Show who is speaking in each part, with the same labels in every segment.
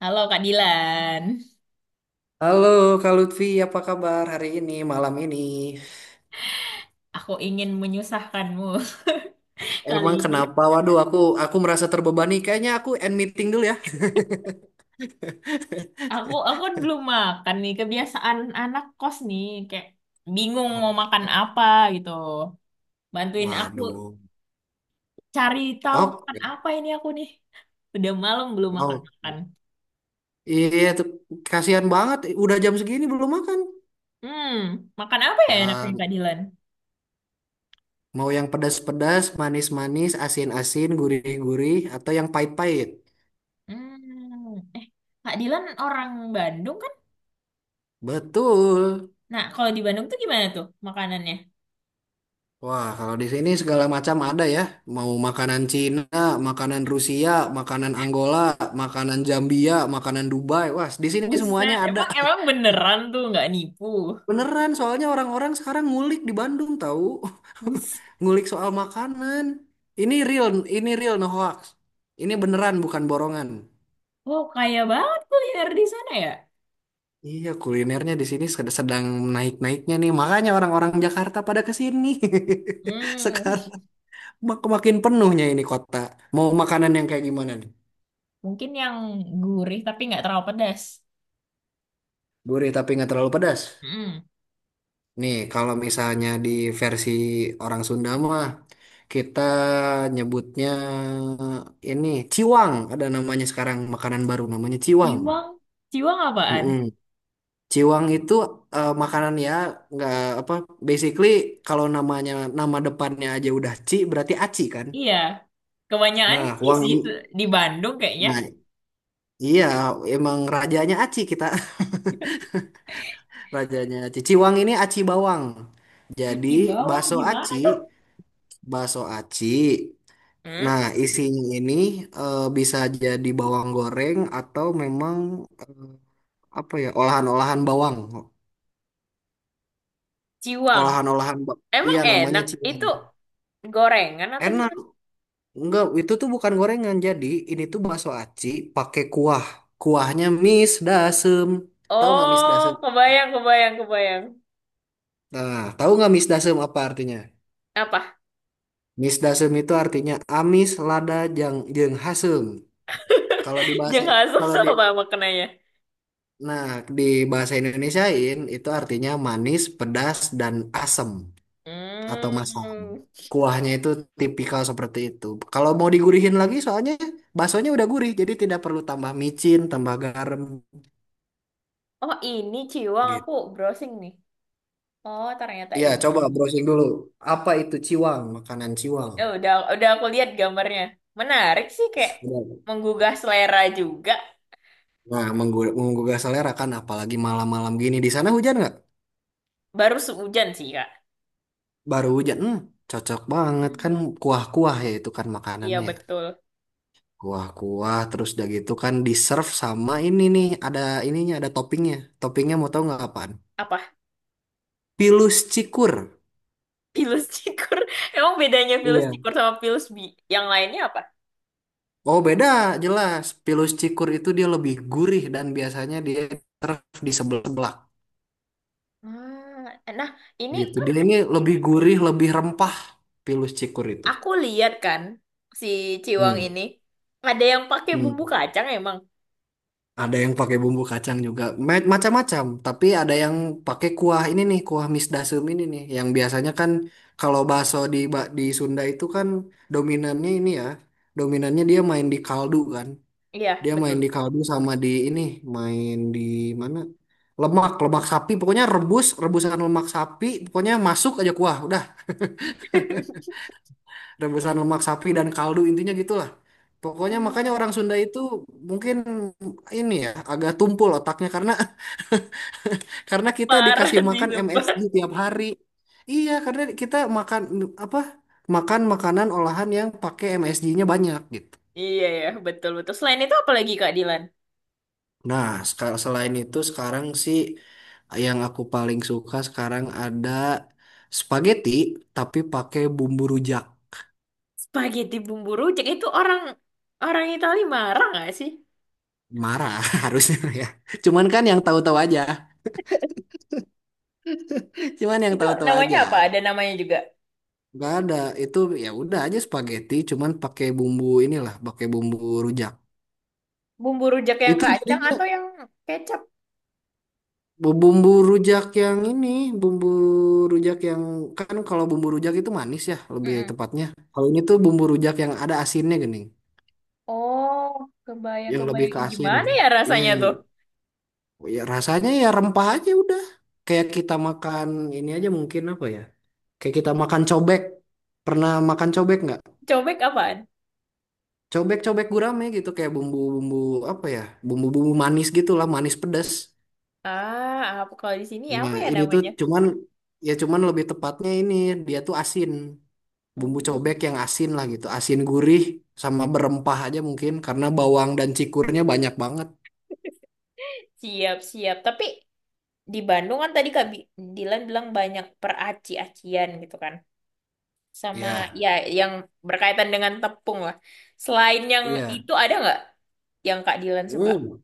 Speaker 1: Halo Kak Dilan,
Speaker 2: Halo Kak Lutfi, apa kabar hari ini, malam ini?
Speaker 1: aku ingin menyusahkanmu kali
Speaker 2: Emang
Speaker 1: ini.
Speaker 2: kenapa? Waduh, aku merasa terbebani. Kayaknya aku end meeting dulu ya.
Speaker 1: Aku kan belum makan nih, kebiasaan anak kos nih, kayak bingung mau
Speaker 2: Oke,
Speaker 1: makan
Speaker 2: oke.
Speaker 1: apa gitu. Bantuin aku
Speaker 2: Waduh.
Speaker 1: cari tahu makan
Speaker 2: Oke,
Speaker 1: apa ini aku nih. Udah malam belum makan-makan.
Speaker 2: oke. Iya, tuh kasihan banget. Udah jam segini belum makan.
Speaker 1: Hmm, Makan apa ya enaknya
Speaker 2: Ya,
Speaker 1: Kak Dilan?
Speaker 2: mau yang pedas-pedas, manis-manis, asin-asin, gurih-gurih, atau yang pahit-pahit.
Speaker 1: Hmm, eh Kak Dilan orang Bandung kan?
Speaker 2: Betul.
Speaker 1: Nah, kalau di Bandung tuh gimana tuh makanannya?
Speaker 2: Wah, kalau di sini segala macam ada ya. Mau makanan Cina, makanan Rusia, makanan Angola, makanan Zambia, makanan Dubai. Wah, di sini
Speaker 1: Buset,
Speaker 2: semuanya ada.
Speaker 1: emang emang beneran tuh nggak nipu.
Speaker 2: Beneran, soalnya orang-orang sekarang ngulik di Bandung tahu. Ngulik soal makanan. Ini real, ini real no hoax. Ini beneran bukan borongan.
Speaker 1: Oh, kaya banget kuliner di sana ya?
Speaker 2: Iya, kulinernya di sini sedang naik-naiknya nih. Makanya orang-orang Jakarta pada ke sini.
Speaker 1: Hmm,
Speaker 2: Sekarang makin penuhnya ini kota. Mau makanan yang kayak gimana nih?
Speaker 1: Mungkin yang gurih tapi nggak terlalu pedas.
Speaker 2: Gurih tapi nggak terlalu pedas.
Speaker 1: Hmm.
Speaker 2: Nih, kalau misalnya di versi orang Sunda mah kita nyebutnya ini ciwang. Ada namanya sekarang makanan baru namanya ciwang.
Speaker 1: Ciwang, ciwang apaan?
Speaker 2: Mm-mm. Ciwang itu makanan ya nggak apa basically kalau namanya nama depannya aja udah ci berarti aci kan.
Speaker 1: Iya, kebanyakan
Speaker 2: Nah,
Speaker 1: ci
Speaker 2: wang
Speaker 1: sih di Bandung kayaknya.
Speaker 2: nah iya emang rajanya aci kita. Rajanya aci. Ciwang ini aci bawang.
Speaker 1: Kaki
Speaker 2: Jadi
Speaker 1: bawang
Speaker 2: bakso
Speaker 1: gimana tuh?
Speaker 2: aci. Bakso aci.
Speaker 1: Hmm?
Speaker 2: Nah, isinya ini bisa jadi bawang goreng atau memang eh, apa ya, olahan-olahan bawang.
Speaker 1: Ciwang.
Speaker 2: Olahan-olahan ba-
Speaker 1: Emang
Speaker 2: Iya, namanya
Speaker 1: enak? Itu
Speaker 2: cilan.
Speaker 1: gorengan atau
Speaker 2: Enak.
Speaker 1: gimana?
Speaker 2: Enggak, itu tuh bukan gorengan. Jadi, ini tuh bakso aci pakai kuah. Kuahnya mis dasem. Tahu nggak mis dasem?
Speaker 1: Oh, kebayang, kebayang, kebayang.
Speaker 2: Nah, tahu nggak mis dasem apa artinya?
Speaker 1: Apa?
Speaker 2: Mis dasem itu artinya amis lada jang jeung hasem. Kalau di bahasa
Speaker 1: Jangan asam
Speaker 2: kalau di
Speaker 1: sama makanannya.
Speaker 2: Nah, di bahasa Indonesiain itu artinya manis, pedas, dan asem atau masam.
Speaker 1: Hmm.
Speaker 2: Kuahnya itu tipikal seperti itu. Kalau mau digurihin lagi, soalnya baksonya udah gurih, jadi tidak perlu tambah micin, tambah garam
Speaker 1: Oh, ini ciwang
Speaker 2: gitu.
Speaker 1: aku browsing nih. Oh, ternyata
Speaker 2: Iya,
Speaker 1: ini.
Speaker 2: coba browsing dulu. Apa itu ciwang? Makanan ciwang.
Speaker 1: Eh, udah aku lihat gambarnya. Menarik sih kayak
Speaker 2: Benar.
Speaker 1: menggugah selera juga.
Speaker 2: Nah, menggugah selera kan, apalagi malam-malam gini. Di sana hujan nggak?
Speaker 1: Baru sehujan sih, Kak.
Speaker 2: Baru hujan. Hmm, cocok banget kan
Speaker 1: Hmm,
Speaker 2: kuah-kuah ya itu kan
Speaker 1: iya
Speaker 2: makanannya.
Speaker 1: betul.
Speaker 2: Kuah-kuah terus udah gitu kan di serve sama ini nih ada ininya ada toppingnya. Toppingnya mau tahu nggak apaan?
Speaker 1: Apa?
Speaker 2: Pilus cikur.
Speaker 1: Pilus cikur. Emang bedanya pilus
Speaker 2: Iya.
Speaker 1: cikur sama pilus bi yang lainnya apa?
Speaker 2: Oh beda jelas. Pilus cikur itu dia lebih gurih dan biasanya dia serve di sebelah-sebelah
Speaker 1: Ah, nah, ini
Speaker 2: gitu.
Speaker 1: kan
Speaker 2: Dia ini lebih gurih, lebih rempah pilus cikur itu.
Speaker 1: aku lihat kan si Ciwang
Speaker 2: Hmm.
Speaker 1: ini ada yang pakai
Speaker 2: Hmm.
Speaker 1: bumbu kacang emang.
Speaker 2: Ada yang pakai bumbu kacang juga, macam-macam. Tapi ada yang pakai kuah ini nih, kuah mis dasem ini nih, yang biasanya kan kalau bakso di Sunda itu kan dominannya ini ya, dominannya dia main di kaldu kan,
Speaker 1: Iya,
Speaker 2: dia
Speaker 1: betul.
Speaker 2: main di kaldu sama di ini, main di mana? Lemak, lemak sapi, pokoknya rebus, rebusan lemak sapi, pokoknya masuk aja kuah, udah rebusan lemak sapi dan kaldu intinya gitulah. Pokoknya makanya
Speaker 1: Hmm,
Speaker 2: orang Sunda itu mungkin ini ya agak tumpul otaknya karena Karena kita
Speaker 1: Parah
Speaker 2: dikasih
Speaker 1: sih
Speaker 2: makan
Speaker 1: sumpah.
Speaker 2: MSG tiap hari. Iya, karena kita makan apa? Makan makanan olahan yang pakai MSG-nya banyak gitu.
Speaker 1: Iya ya, betul betul. Selain itu apa lagi Kak Dilan?
Speaker 2: Nah, selain itu sekarang sih yang aku paling suka sekarang ada spaghetti tapi pakai bumbu rujak.
Speaker 1: Spaghetti bumbu rujak itu orang orang Itali marah nggak sih?
Speaker 2: Marah harusnya ya. Cuman kan yang tahu-tahu aja. Cuman yang
Speaker 1: Itu
Speaker 2: tahu-tahu
Speaker 1: namanya apa?
Speaker 2: aja.
Speaker 1: Ada namanya juga.
Speaker 2: Gak ada itu ya udah aja spaghetti cuman pakai bumbu inilah, pakai bumbu rujak.
Speaker 1: Bumbu rujak yang
Speaker 2: Itu
Speaker 1: kacang
Speaker 2: jadinya
Speaker 1: atau yang kecap?
Speaker 2: Bumbu rujak yang ini, bumbu rujak yang kan kalau bumbu rujak itu manis ya, lebih
Speaker 1: Mm-mm.
Speaker 2: tepatnya. Kalau ini tuh bumbu rujak yang ada asinnya gini,
Speaker 1: Oh,
Speaker 2: yang lebih
Speaker 1: kebayang-kebayang.
Speaker 2: ke
Speaker 1: Ih,
Speaker 2: asin.
Speaker 1: gimana ya
Speaker 2: Iya,
Speaker 1: rasanya
Speaker 2: yang,
Speaker 1: tuh?
Speaker 2: ya rasanya ya rempah aja udah. Kayak kita makan ini aja mungkin apa ya? Kayak kita makan cobek. Pernah makan cobek nggak?
Speaker 1: Cobek apaan?
Speaker 2: Cobek-cobek gurame gitu kayak bumbu-bumbu apa ya? Bumbu-bumbu manis gitu lah, manis pedas.
Speaker 1: Ah, apa kalau di sini apa
Speaker 2: Nah,
Speaker 1: ya
Speaker 2: ini tuh
Speaker 1: namanya?
Speaker 2: cuman ya cuman lebih tepatnya ini dia tuh asin. Bumbu cobek
Speaker 1: Hmm,
Speaker 2: yang asin lah gitu, asin gurih sama berempah aja mungkin karena bawang dan cikurnya banyak banget.
Speaker 1: siap-siap. Tapi di Bandung kan tadi Dilan bilang banyak peraci-acian gitu kan. Sama
Speaker 2: Ya,
Speaker 1: ya yang berkaitan dengan tepung lah. Selain yang
Speaker 2: ya.
Speaker 1: itu ada nggak yang Kak Dilan suka?
Speaker 2: Hmm,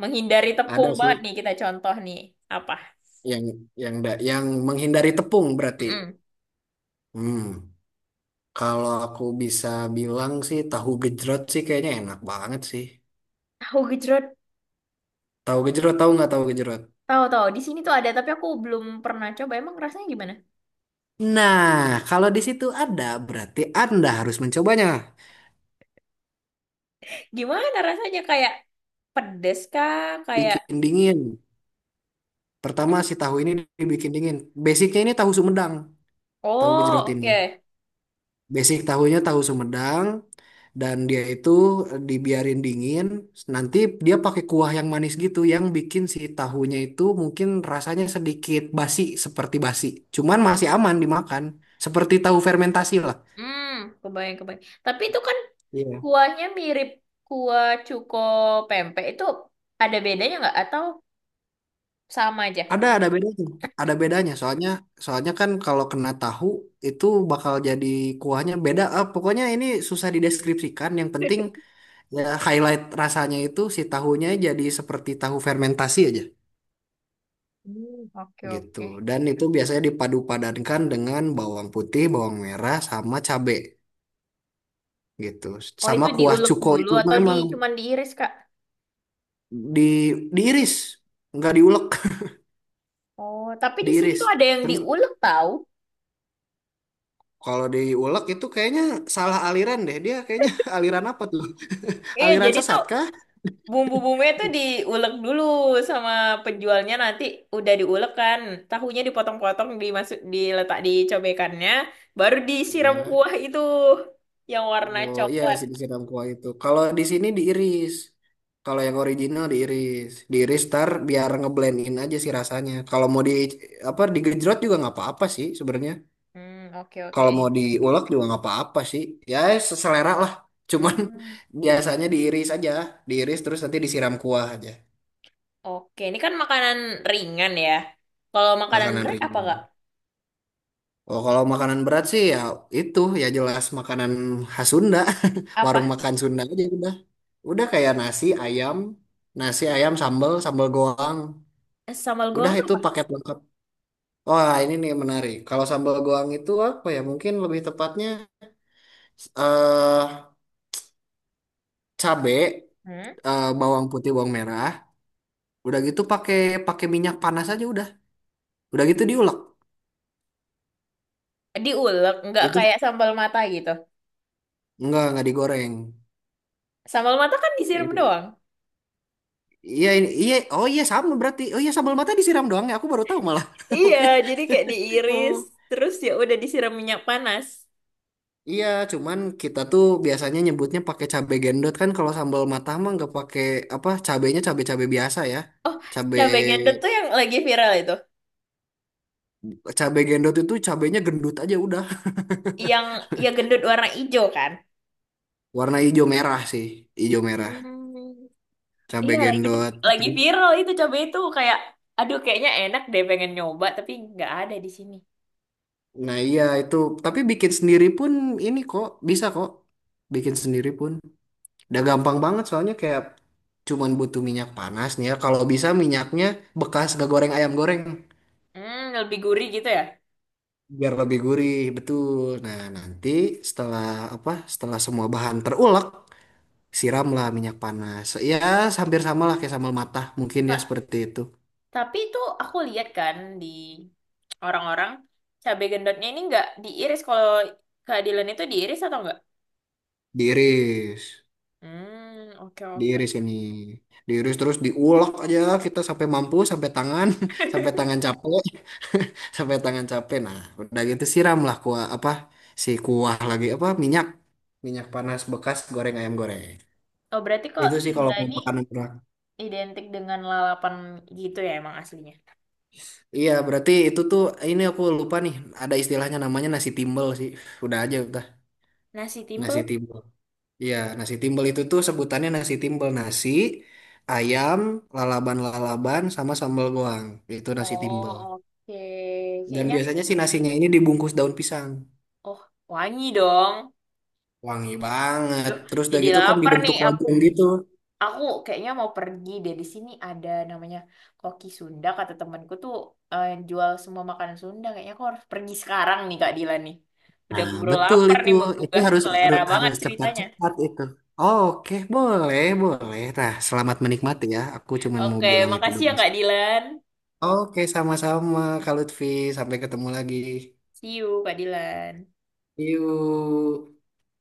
Speaker 1: Menghindari
Speaker 2: ada
Speaker 1: tepung
Speaker 2: sih
Speaker 1: banget nih kita contoh nih apa?
Speaker 2: yang yang menghindari tepung berarti.
Speaker 1: Mm-mm.
Speaker 2: Hmm, kalau aku bisa bilang sih tahu gejrot sih kayaknya enak banget sih.
Speaker 1: Tahu gejrot,
Speaker 2: Tahu gejrot tahu nggak tahu gejrot?
Speaker 1: tahu tahu. Di sini tuh ada tapi aku belum pernah coba. Emang rasanya gimana?
Speaker 2: Nah, kalau di situ ada, berarti Anda harus mencobanya.
Speaker 1: Gimana rasanya kayak pedes kah? Kayak
Speaker 2: Bikin dingin. Pertama si tahu ini dibikin dingin. Basicnya ini tahu Sumedang, tahu gejrot
Speaker 1: oh
Speaker 2: ini.
Speaker 1: oke.
Speaker 2: Basic tahunya tahu Sumedang dan dia itu dibiarin dingin. Nanti dia pakai kuah yang manis gitu yang bikin si tahunya itu mungkin rasanya sedikit basi seperti basi. Cuman masih aman dimakan. Seperti tahu fermentasi lah.
Speaker 1: Hmm, Kebayang kebayang. Tapi itu kan
Speaker 2: Iya.
Speaker 1: kuahnya mirip kuah cuko pempek itu ada bedanya nggak atau sama aja?
Speaker 2: Ada bedanya. Ada bedanya. Soalnya soalnya kan kalau kena tahu itu bakal jadi kuahnya beda. Ah, pokoknya ini susah dideskripsikan. Yang penting ya highlight rasanya itu si tahunya jadi seperti tahu fermentasi aja.
Speaker 1: Hmm, oke
Speaker 2: Gitu.
Speaker 1: oke.
Speaker 2: Dan itu biasanya dipadu-padankan dengan bawang putih, bawang merah, sama cabe gitu.
Speaker 1: Oh,
Speaker 2: Sama
Speaker 1: itu
Speaker 2: kuah
Speaker 1: diulek
Speaker 2: cuko
Speaker 1: dulu
Speaker 2: itu
Speaker 1: atau di
Speaker 2: memang
Speaker 1: cuman diiris, Kak?
Speaker 2: di diiris, nggak diulek,
Speaker 1: Oh, tapi di sini tuh
Speaker 2: diiris.
Speaker 1: ada yang
Speaker 2: Terus
Speaker 1: diulek tahu.
Speaker 2: kalau diulek itu kayaknya salah aliran deh. Dia kayaknya aliran apa tuh?
Speaker 1: Iya,
Speaker 2: Aliran
Speaker 1: jadi tuh
Speaker 2: sesat kah?
Speaker 1: bumbu-bumbunya tuh diulek dulu sama penjualnya nanti udah diulek kan. Tahunya dipotong-potong dimasuk diletak di cobekannya, baru disiram
Speaker 2: Ya.
Speaker 1: kuah itu yang warna
Speaker 2: Oh iya
Speaker 1: coklat.
Speaker 2: sih disiram kuah itu. Kalau di sini diiris. Kalau yang original diiris, diiris tar biar ngeblendin aja sih rasanya. Kalau mau di apa digejrot juga nggak apa-apa sih sebenarnya.
Speaker 1: Hmm, oke oke.
Speaker 2: Kalau mau diulek juga nggak apa-apa sih ya seselera lah cuman
Speaker 1: Hmm,
Speaker 2: biasanya diiris aja diiris terus nanti disiram kuah aja
Speaker 1: oke. Ini kan makanan ringan ya. Kalau makanan
Speaker 2: makanan
Speaker 1: berat apa,
Speaker 2: ringan.
Speaker 1: Kak?
Speaker 2: Oh kalau makanan berat sih ya itu ya jelas makanan khas Sunda warung
Speaker 1: Apa?
Speaker 2: makan Sunda aja udah kayak nasi ayam sambal sambal goang
Speaker 1: Sambal
Speaker 2: udah
Speaker 1: goong tuh
Speaker 2: itu
Speaker 1: apa?
Speaker 2: paket lengkap. Wah ini nih menarik kalau sambal goang itu apa ya mungkin lebih tepatnya eh cabe
Speaker 1: Hmm?
Speaker 2: bawang putih bawang merah. Udah gitu pakai pakai minyak panas aja udah. Udah gitu diulek.
Speaker 1: Diulek, nggak
Speaker 2: Itu
Speaker 1: kayak sambal mata gitu.
Speaker 2: enggak digoreng.
Speaker 1: Sambal mata kan disiram
Speaker 2: Ini-
Speaker 1: doang.
Speaker 2: Iya ini iya oh iya sama berarti. Oh iya sambal mata disiram doang ya. Aku baru tahu malah.
Speaker 1: Iya,
Speaker 2: Oke.
Speaker 1: jadi kayak diiris,
Speaker 2: Oh.
Speaker 1: terus ya udah disiram minyak panas.
Speaker 2: Iya, cuman kita tuh biasanya nyebutnya pakai cabe gendot kan kalau sambal mata mah nggak pakai apa cabenya cabe-cabe biasa ya.
Speaker 1: Oh,
Speaker 2: Cabe
Speaker 1: cabai gendut tuh yang lagi viral itu.
Speaker 2: cabe gendot itu cabenya gendut aja udah.
Speaker 1: Yang ya gendut warna hijau kan?
Speaker 2: Warna hijau merah sih, hijau merah.
Speaker 1: Hmm,
Speaker 2: Cabe
Speaker 1: iya
Speaker 2: gendot.
Speaker 1: lagi viral itu cabai itu kayak, aduh kayaknya enak deh pengen nyoba tapi nggak ada di sini.
Speaker 2: Nah iya itu, tapi bikin sendiri pun ini kok bisa kok, bikin sendiri pun. Udah gampang banget soalnya kayak cuman butuh minyak panas nih ya. Kalau bisa minyaknya bekas gak goreng ayam goreng
Speaker 1: Hmm, lebih gurih gitu ya?
Speaker 2: biar lebih gurih betul. Nah nanti setelah apa? Setelah semua bahan terulek, siramlah minyak panas. Ya hampir sama lah kayak sambal matah mungkin ya seperti itu.
Speaker 1: Tapi itu aku lihat kan di orang-orang cabai gendotnya ini nggak diiris. Kalau keadilan itu diiris atau nggak?
Speaker 2: Diiris,
Speaker 1: Hmm, oke oke.
Speaker 2: diiris ini, diiris terus diulek aja kita sampai mampu sampai tangan sampai tangan capek sampai tangan capek nah udah gitu siramlah kuah apa si kuah lagi apa minyak minyak panas bekas goreng ayam goreng
Speaker 1: Oh berarti kok
Speaker 2: itu sih kalau
Speaker 1: Sunda
Speaker 2: mau
Speaker 1: ini
Speaker 2: makanan berat
Speaker 1: identik dengan lalapan gitu ya emang aslinya?
Speaker 2: iya berarti itu tuh ini aku lupa nih ada istilahnya namanya nasi timbel sih udah aja udah
Speaker 1: Nasi
Speaker 2: nasi
Speaker 1: timbel?
Speaker 2: timbel iya nasi timbel itu tuh sebutannya nasi timbel nasi ayam lalaban-lalaban sama sambal goang itu nasi timbel
Speaker 1: Oh oke.
Speaker 2: dan
Speaker 1: Kayaknya
Speaker 2: biasanya sih nasinya ini dibungkus daun pisang
Speaker 1: oh wangi dong.
Speaker 2: wangi banget
Speaker 1: Duh,
Speaker 2: terus udah
Speaker 1: jadi
Speaker 2: gitu kan
Speaker 1: lapar nih.
Speaker 2: dibentuk lonjong gitu.
Speaker 1: Aku kayaknya mau pergi deh. Di sini ada namanya Koki Sunda, kata temanku tuh jual semua makanan Sunda. Kayaknya aku harus pergi sekarang nih Kak Dila nih. Udah
Speaker 2: Nah,
Speaker 1: aku baru
Speaker 2: betul
Speaker 1: lapar
Speaker 2: itu.
Speaker 1: nih
Speaker 2: Itu
Speaker 1: menggugah
Speaker 2: harus
Speaker 1: selera
Speaker 2: harus,
Speaker 1: banget
Speaker 2: harus
Speaker 1: ceritanya.
Speaker 2: cepat-cepat itu. Oke, boleh, boleh. Nah, selamat menikmati ya. Aku cuman mau
Speaker 1: Oke,
Speaker 2: bilang itu
Speaker 1: makasih
Speaker 2: dong.
Speaker 1: ya Kak Dilan.
Speaker 2: Oke, sama-sama Kak Lutfi. Sampai ketemu lagi.
Speaker 1: See you Kak Dilan.
Speaker 2: Yuk.